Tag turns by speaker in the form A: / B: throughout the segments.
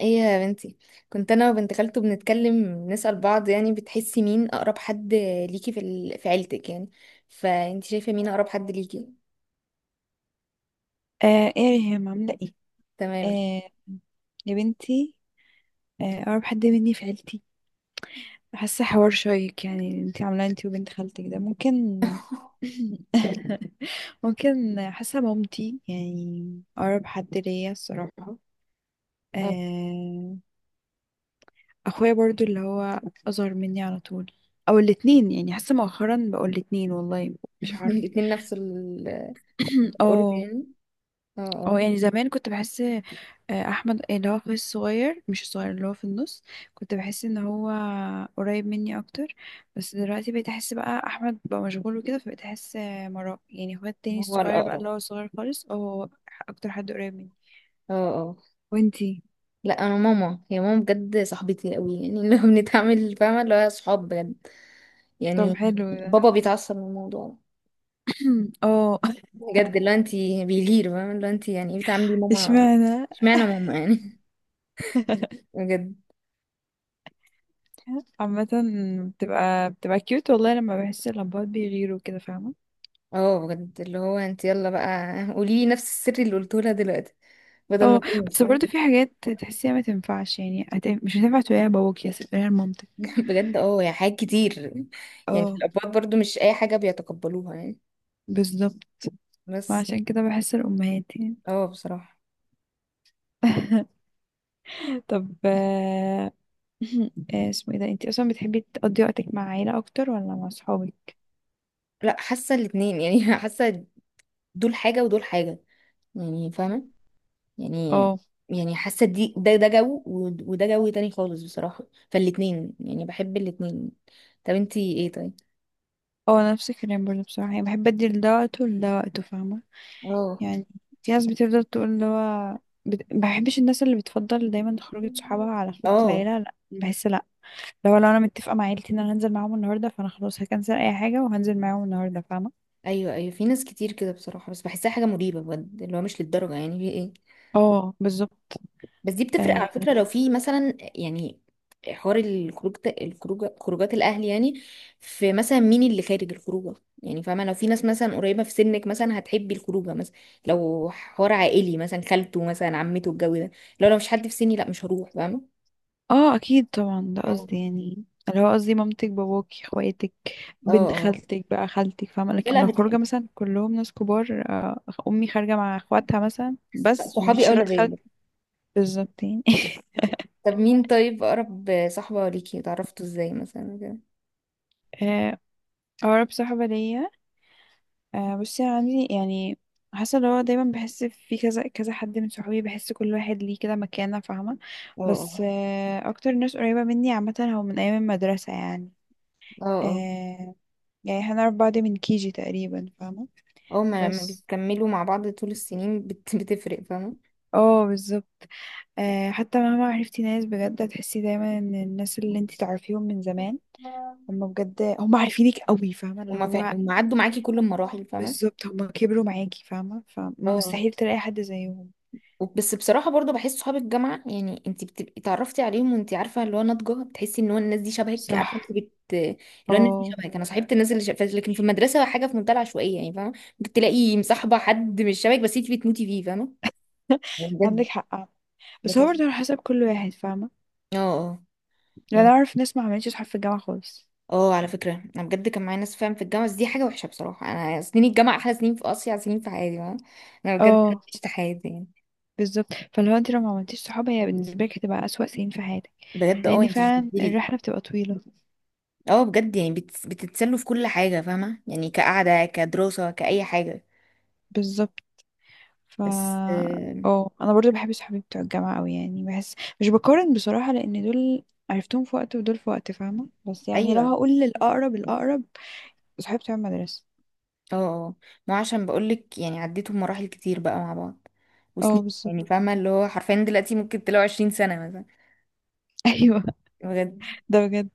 A: ايه يا بنتي. كنت انا وبنت خالته بنتكلم، نسأل بعض، يعني بتحسي مين اقرب حد ليكي في في عيلتك يعني؟ فانت شايفة مين اقرب حد ليكي؟
B: ايه يا ريهام، عاملة ايه؟
A: تمام.
B: آه يا بنتي. آه، اقرب حد مني في عيلتي؟ حاسة حوار شيق يعني اللي انتي عاملاه انتي وبنت خالتك ده، ممكن ممكن، حاسة مامتي يعني اقرب حد ليا الصراحة.
A: اه.
B: آه. اخويا برضو، اللي هو اصغر مني على طول، او الاتنين، يعني حاسة مؤخرا بقول الاتنين والله. مش عارفة.
A: الاتنين نفس القرب
B: اه.
A: يعني. اه اه.
B: اه يعني زمان كنت بحس احمد اللي هو اخوي الصغير، مش الصغير اللي هو في النص، كنت بحس ان هو قريب مني اكتر. بس دلوقتي بقيت احس بقى احمد بقى مشغول وكده، فبقيت احس مراه يعني اخويا التاني
A: هو
B: الصغير بقى،
A: الاقرب.
B: اللي هو صغير خالص، اه هو اكتر حد قريب مني.
A: اه اه.
B: وانتي؟
A: لا، انا ماما هي ماما، بجد صاحبتي قوي يعني، اللي هو بنتعامل فاهمة اللي هو صحاب بجد
B: طب
A: يعني.
B: حلو ده.
A: بابا بيتعصب من الموضوع،
B: اه.
A: بجد اللي هو انت بيغير، فاهمة اللي هو انت يعني ايه بتعاملي ماما؟
B: اشمعنى؟
A: اشمعنى ماما يعني؟ بجد.
B: عامة بتبقى كيوت والله، لما بحس اللمبات بيغيروا كده، فاهمة.
A: اه بجد اللي هو انت، يلا بقى. قولي لي نفس السر اللي قلته لها دلوقتي بدل ما
B: اه، بس
A: تنسى.
B: برضه في حاجات تحسيها ما تنفعش، يعني مش هتنفع تقوليها لباباك يا تقوليها لمامتك.
A: بجد اه، يا حاجات كتير يعني.
B: اه،
A: الابواب برضو مش اي حاجه بيتقبلوها يعني،
B: بالظبط.
A: بس.
B: وعشان كده بحس الأمهات يعني
A: اه بصراحه.
B: طب اسمه ايه ده، انتي اصلا بتحبي تقضي وقتك مع عيلة اكتر ولا مع صحابك؟
A: لا حاسه الاتنين يعني، حاسه دول حاجه ودول حاجه يعني، فاهمه يعني
B: اه،
A: يعني حاسه دي، ده جو، وده جو تاني خالص بصراحه. فالاتنين يعني بحب الاتنين. طب انتي ايه طيب؟
B: اه، نفس الكلام برضه بصراحة، يعني بحب ادي لده وقته ولده وقته فاهمة.
A: اه
B: يعني في ناس بتفضل تقول اللي هو بحبش الناس اللي بتفضل دايما خروجة صحابها على خروجة
A: اه.
B: العيلة، لا بحس لو انا متفقه مع عيلتي ان انا هنزل معاهم النهارده، فانا خلاص هكنسل اي حاجه وهنزل معاهم النهارده، فاهمه.
A: ايوه ايوه، في ناس كتير كده بصراحه، بس بحسها حاجه مريبه بجد، اللي هو مش للدرجه يعني، في ايه.
B: اه بالظبط.
A: بس دي بتفرق على
B: اه
A: فكره، لو في مثلا يعني حوار الخروج، الخروج، خروجات الاهل يعني، في مثلا مين اللي خارج الخروجه يعني. فاهمه، لو في ناس مثلا قريبه في سنك مثلا هتحبي الخروجه مثلا، لو حوار عائلي مثلا، خالته مثلا، عمته، الجو ده. لو مش حد في سني، لا مش هروح فاهمه.
B: آه، اكيد طبعا ده
A: اه
B: قصدي، يعني اللي هو قصدي مامتك باباكي اخواتك بنت
A: اه.
B: خالتك بقى خالتك فاهمه،
A: لا
B: لكن
A: لا،
B: لو
A: بتحب.
B: خروجه مثلا كلهم ناس كبار آه، امي خارجه مع اخواتها مثلا
A: لا،
B: بس
A: صحابي
B: مفيش
A: اولى
B: ولاد
A: بيا.
B: خالتي، بالظبط يعني.
A: طب مين طيب اقرب صاحبه ليكي، اتعرفتوا ازاي مثلا كده؟
B: آه، اقرب صاحبه ليا، آه بصي أنا عندي يعني، حاسه اللي هو دايما بحس في كذا كذا حد من صحابي، بحس كل واحد ليه كده مكانه فاهمه. بس
A: اه
B: آه اكتر ناس قريبه مني عامه، هو من ايام المدرسه يعني.
A: اه اه
B: آه. يعني احنا نعرف بعض من كيجي تقريبا فاهمه.
A: اه. ما لما
B: بس
A: بيكملوا مع بعض طول السنين بتفرق فاهمة.
B: اه بالظبط. آه، حتى مهما عرفتي ناس، بجد هتحسي دايما ان الناس اللي انتي تعرفيهم من زمان هم بجد هم عارفينك قوي، فاهمه اللي هو،
A: وما عدوا معاكي كل المراحل فاهمة.
B: بالظبط هم كبروا معاكي فاهمه،
A: اه.
B: فمستحيل تلاقي حد زيهم.
A: بس بصراحة برضه بحس صحاب الجامعة، يعني انت بتبقي اتعرفتي عليهم وانت عارفة اللي هو ناضجة، بتحسي ان هو الناس دي شبهك، عارفة، انت
B: صح.
A: اللي هو الناس دي
B: اه.
A: شبهك، انا صاحبت الناس اللي شبهك، لكن في المدرسة حاجة في منتهى العشوائية يعني، فاهمة؟ ممكن تلاقي مصاحبة حد مش شبهك بس انت بتموتي فيه، فاهمة؟ بجد.
B: عندك حق آه. بس هو
A: لكن
B: برضه على حسب كل واحد فاهمة.
A: اه اه.
B: لأن أنا
A: يعني
B: أعرف ناس ما عملتش صحاب في الجامعة خالص.
A: اه، على فكرة انا بجد كان معايا ناس فاهم في الجامعة، بس دي حاجة وحشة بصراحة، انا سنين الجامعة احلى سنين، في اصيع سنين في حياتي فاهمة؟ انا بجد
B: اه.
A: عشت حياتي يعني.
B: بالظبط، فلو انت لو ما عملتيش صحاب، هي بالنسبة لك هتبقى أسوأ سنين في حياتك،
A: بجد اه،
B: لأن
A: انت مش
B: فعلا
A: هتديلي.
B: الرحلة بتبقى طويلة.
A: اه بجد يعني، بتتسلوا في كل حاجة فاهمة، يعني كقعدة، كدراسة، كأي حاجة.
B: بالظبط. ف
A: بس
B: اه أنا برضه بحب صحابي بتوع الجامعة أوي، يعني بحس مش بقارن بصراحة، لأن دول عرفتهم في وقت ودول في وقت فاهمة، بس يعني لو
A: ايوه
B: هقول للأقرب الأقرب، صحابي بتوع المدرسة.
A: اه اه. ما هو عشان بقولك يعني عديتوا مراحل كتير بقى مع بعض،
B: اه
A: وسنين يعني،
B: بالظبط.
A: فاهمة اللي هو حرفيا دلوقتي ممكن تلاقوا 20 سنة مثلا.
B: ايوه.
A: بجد.
B: ده بجد.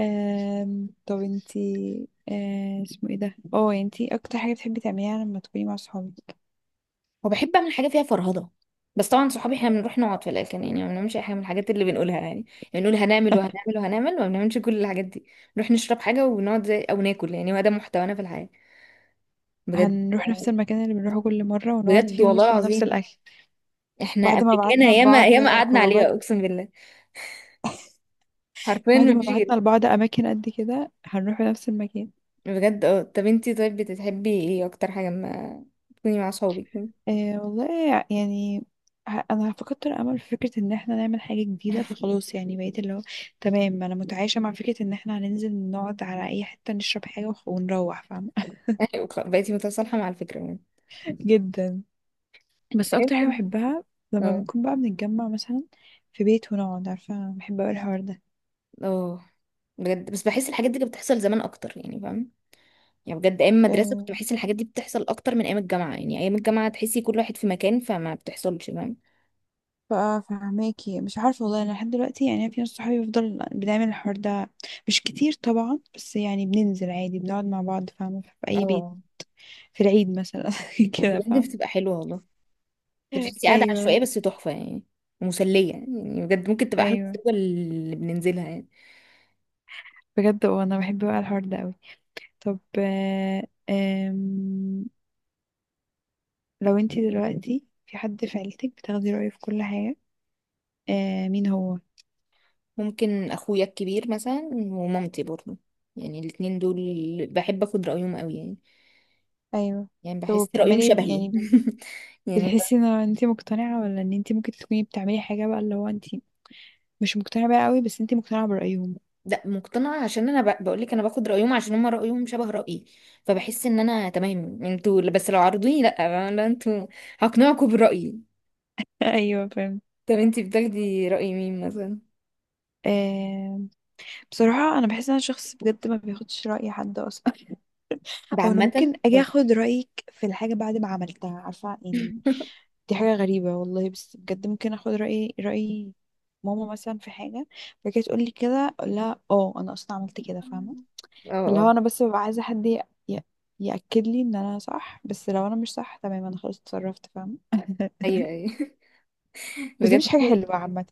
B: طب انتي اسمه ايه ده، اه انتي اكتر حاجة بتحبي تعمليها لما تكوني مع صحابك؟
A: وبحب اعمل حاجه فيها فرهضه، بس طبعا صحابي احنا بنروح نقعد في الاخر يعني، ما بنعملش اي حاجه من الحاجات اللي بنقولها يعني. يعني بنقول هنعمل وهنعمل وهنعمل، وما بنعملش كل الحاجات دي. نروح نشرب حاجه ونقعد زي او ناكل، يعني هو ده محتوانا في الحياه، بجد.
B: هنروح نفس المكان اللي بنروحه كل مرة، ونقعد
A: بجد
B: فيه
A: والله
B: ونطلب نفس
A: العظيم،
B: الأكل.
A: احنا
B: بعد ما بعتنا
A: امريكانا ياما
B: لبعض
A: ياما قعدنا عليها،
B: خروجات،
A: اقسم بالله، حرفيا
B: بعد
A: ما
B: ما
A: فيش غير.
B: بعتنا لبعض أماكن قد كده، هنروح نفس المكان.
A: بجد اه. طب انتي طيب بتحبي ايه اكتر حاجه ما تكوني مع صحابك؟
B: آه والله يعني، أنا فقدت الأمل في فكرة إن احنا نعمل حاجة جديدة، فخلاص يعني بقيت اللي هو تمام، أنا متعايشة مع فكرة إن احنا هننزل نقعد على أي حتة نشرب حاجة ونروح فاهمة.
A: بقيتي متصالحه مع الفكره يعني.
B: جدا. بس اكتر حاجه بحبها، لما
A: اه
B: بنكون بقى بنتجمع مثلا في بيت ونقعد، عارفه بحب اوي الحوار ده.
A: اه. بجد بس بحس الحاجات دي كانت بتحصل زمان اكتر يعني، فاهم يعني؟ بجد ايام المدرسه كنت
B: أه
A: بحس الحاجات دي بتحصل اكتر من ايام الجامعه يعني، ايام الجامعه تحسي كل واحد في مكان، فما بتحصلش فاهم.
B: بقى فهماكي، مش عارفه والله، انا لحد دلوقتي يعني في ناس صحابي بفضل بنعمل الحوار ده، مش كتير طبعا، بس يعني بننزل عادي بنقعد مع بعض فاهمه في اي بيت،
A: اه
B: في العيد مثلا كده
A: بجد
B: فاهمه.
A: بتبقى حلوه والله. انت بتحسي قاعده
B: ايوه،
A: عشوائيه بس تحفه يعني، ومسليه يعني، يعني بجد ممكن تبقى احلى
B: ايوه.
A: خروجه اللي بننزلها يعني.
B: بجد وانا بحب بقى الحوار ده قوي. طب آم، لو انتي دلوقتي في حد في عيلتك بتاخدي رأيه في كل حاجه، مين هو؟
A: ممكن اخويا الكبير مثلا ومامتي برضه، يعني الاتنين دول بحب اخد رايهم قوي يعني،
B: ايوه.
A: يعني
B: طب
A: بحس رايهم
B: بتعملي
A: شبهي.
B: يعني،
A: يعني
B: بتحسي ان انت مقتنعة ولا ان انت ممكن تكوني بتعملي حاجة بقى اللي هو انت مش مقتنعة بيها قوي، بس انت مقتنعة برأيهم؟
A: لا مقتنعة، عشان انا بقول لك انا باخد رأيهم عشان هم رأيهم شبه رأيي، فبحس ان انا تمام انتوا بس لو عرضوني، لا لا انتوا، هقنعكم برأيي.
B: ايوه فاهم.
A: طب انتي بتاخدي رأي مين مثلا؟
B: آه، بصراحة أنا بحس إن أنا شخص بجد ما بياخدش رأي حد أصلا
A: ده
B: أو أنا ممكن
A: عامة
B: أجي
A: ولا؟
B: أخد رأيك في الحاجة بعد ما عملتها، عارفة يعني. دي حاجة غريبة والله، بس بجد ممكن أخد رأي ماما مثلا في حاجة، فكانت تقول لي كده أقول لها أه أنا أصلا عملت كده فاهمة.
A: اه
B: فاللي هو
A: اه.
B: انا بس ببقى عايزه حد ي- ياكد لي ان انا صح، بس لو انا مش صح تمام، انا خلاص اتصرفت فاهم.
A: ايوه ايوه.
B: بس دي
A: بجد.
B: مش حاجه حلوه عامه.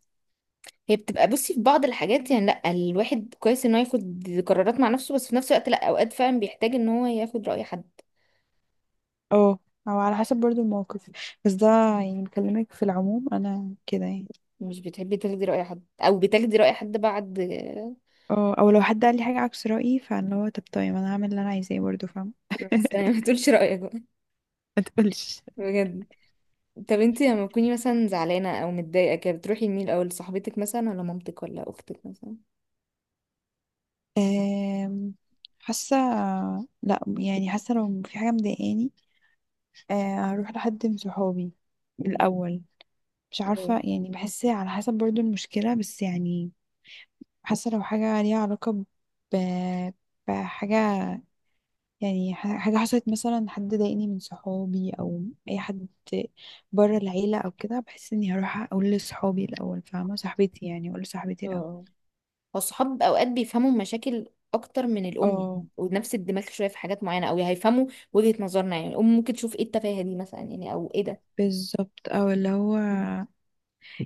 A: هي بتبقى، بصي، في بعض الحاجات يعني، لا الواحد كويس ان هو ياخد قرارات مع نفسه، بس في نفس الوقت لا، اوقات فعلا بيحتاج ان هو ياخد رأي حد.
B: اه، او على حسب برضو الموقف، بس ده يعني بكلمك في العموم انا كده يعني.
A: مش بتحبي تاخدي رأي حد، او بتاخدي رأي حد بعد؟
B: اه، او لو حد قال لي حاجه عكس رايي، فاللي هو طب طيب، انا هعمل اللي انا عايزاه برضو فاهم.
A: بس ما تقولش رأيك بقى.
B: ما تقولش.
A: بجد. طب انتي لما تكوني مثلا زعلانة او متضايقة كده، بتروحي لمين الاول، لصاحبتك مثلا ولا مامتك ولا اختك مثلا؟
B: آم، حاسه، لا يعني حاسه لو في حاجه مضايقاني، هروح لحد من صحابي الاول. مش عارفة
A: اه
B: يعني بحس على حسب برضو المشكلة، بس يعني حاسة لو حاجة ليها علاقة ب... بحاجة، يعني حاجة حصلت مثلا، حد ضايقني من صحابي أو أي حد بره العيلة أو كده، بحس إني هروح أقول لصحابي الأول فاهمة، صاحبتي يعني، أقول لصاحبتي الأول.
A: اه. هو الصحاب اوقات بيفهموا مشاكل اكتر من الام،
B: اه
A: ونفس الدماغ شويه في حاجات معينه، او هيفهموا وجهه نظرنا يعني، الام ممكن تشوف ايه التفاهه دي مثلا يعني، او ايه ده.
B: بالظبط، أو اللي هو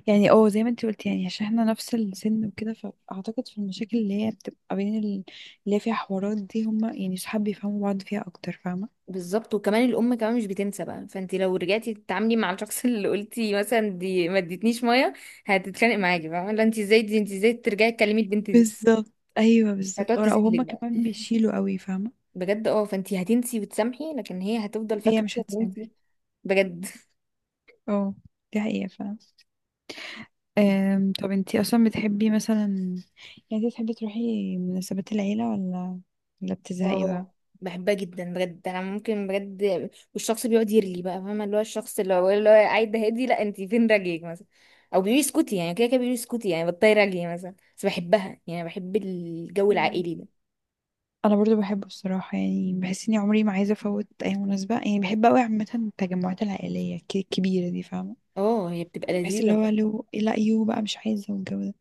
B: يعني اه زي ما انت قلت يعني عشان احنا نفس السن وكده، فأعتقد في المشاكل اللي هي بتبقى بين اللي هي فيها حوارات دي، هما يعني صحاب بيفهموا بعض فيها أكتر فاهمة.
A: بالظبط، وكمان الام كمان مش بتنسى بقى، فانت لو رجعتي تتعاملي مع الشخص اللي قلتي مثلا دي ما ادتنيش ميه، هتتخانق معاكي بقى، لا انت ازاي دي، انت ازاي ترجعي تكلمي البنت دي.
B: بالظبط ايوه بالظبط.
A: هتقعد
B: او
A: تزلك
B: هما
A: بقى.
B: كمان بيشيلوا قوي فاهمه،
A: بجد اه، فانتي هتنسي وتسامحي لكن هي هتفضل
B: هي
A: فاكرة
B: مش
A: ان انتي،
B: هتسامح.
A: بجد.
B: اه، دي حقيقه فاهمه. طب انتي اصلا بتحبي مثلا، يعني انتي بتحبي تروحي مناسبات العيله، ولا بتزهقي بقى؟
A: اه بحبها جدا بجد، انا ممكن بجد، والشخص بيقعد يرلي بقى، فاهمه اللي هو الشخص اللي هو قاعد هادي، لا انت فين راجلك مثلا، او بيقولي اسكتي يعني، كده كده بيقولي اسكتي يعني بطلي راجلي مثلا، بس بحبها، يعني بحب الجو
B: مم.
A: العائلي ده.
B: انا برضو بحبه الصراحه، يعني بحس اني عمري ما عايزه افوت اي مناسبه، يعني بحب قوي عامه التجمعات العائليه الكبيره دي فاهمه،
A: اه هي بتبقى
B: بحس اللي
A: لذيذه.
B: هو لو لا يو بقى مش عايزه والجو ده.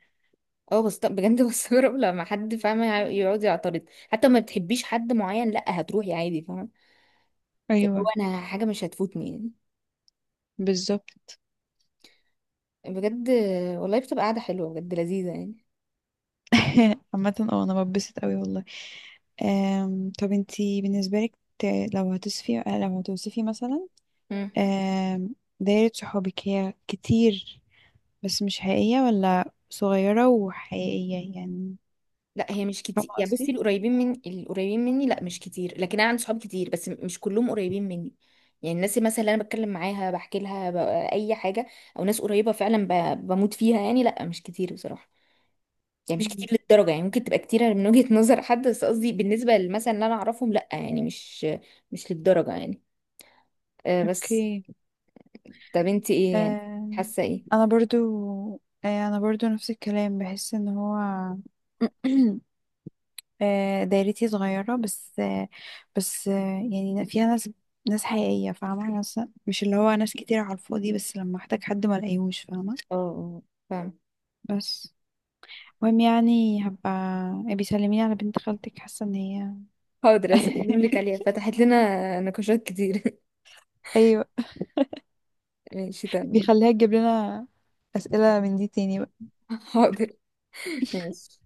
A: اه بس طب بجد، بستغرب لما حد فاهمه يقعد يعترض، حتى ما بتحبيش حد معين لا هتروحي عادي فاهمه، اللي هو
B: ايوه
A: انا حاجه مش هتفوتني يعني.
B: بالظبط.
A: بجد. والله بتبقى قاعدة حلوة بجد، لذيذة يعني.
B: عامه اه انا بتبسط قوي والله. طب انتي بالنسبة لك، ت- لو هتوصفي مثلا،
A: مم.
B: دايرة صحابك، هي كتير بس مش حقيقية، ولا صغيرة وحقيقية يعني،
A: لا هي مش
B: فاهمة
A: كتير يعني،
B: قصدي؟
A: بصي، القريبين من القريبين مني لا مش كتير، لكن انا عندي صحاب كتير، بس مش كلهم قريبين مني. يعني الناس مثلا اللي انا بتكلم معاها بحكي لها اي حاجة، او ناس قريبة فعلا بموت فيها يعني، لا مش كتير بصراحة، يعني مش كتير
B: مم.
A: للدرجة يعني، ممكن تبقى كتيرة من وجهة نظر حد، بس قصدي بالنسبة لمثلا اللي انا اعرفهم لا، يعني مش مش للدرجة يعني. أه بس.
B: اوكي.
A: طب انت ايه يعني،
B: أم،
A: حاسة ايه؟
B: انا برضو انا برضو نفس الكلام، بحس ان هو أه، دايرتي صغيرة، بس يعني فيها ناس حقيقية فاهمة، ناس مش اللي هو ناس كتير على الفاضي، بس لما احتاج حد ما الاقيهوش فاهمة.
A: اه فاهمة.
B: بس المهم يعني، هبقى بيسلميني على بنت خالتك، حاسة ان هي
A: حاضر اسلم لك عليها، فتحت لنا نقاشات كتير.
B: ايوه،
A: ماشي تمام.
B: بيخليها تجيب لنا اسئلة من دي تاني.
A: حاضر. ماشي.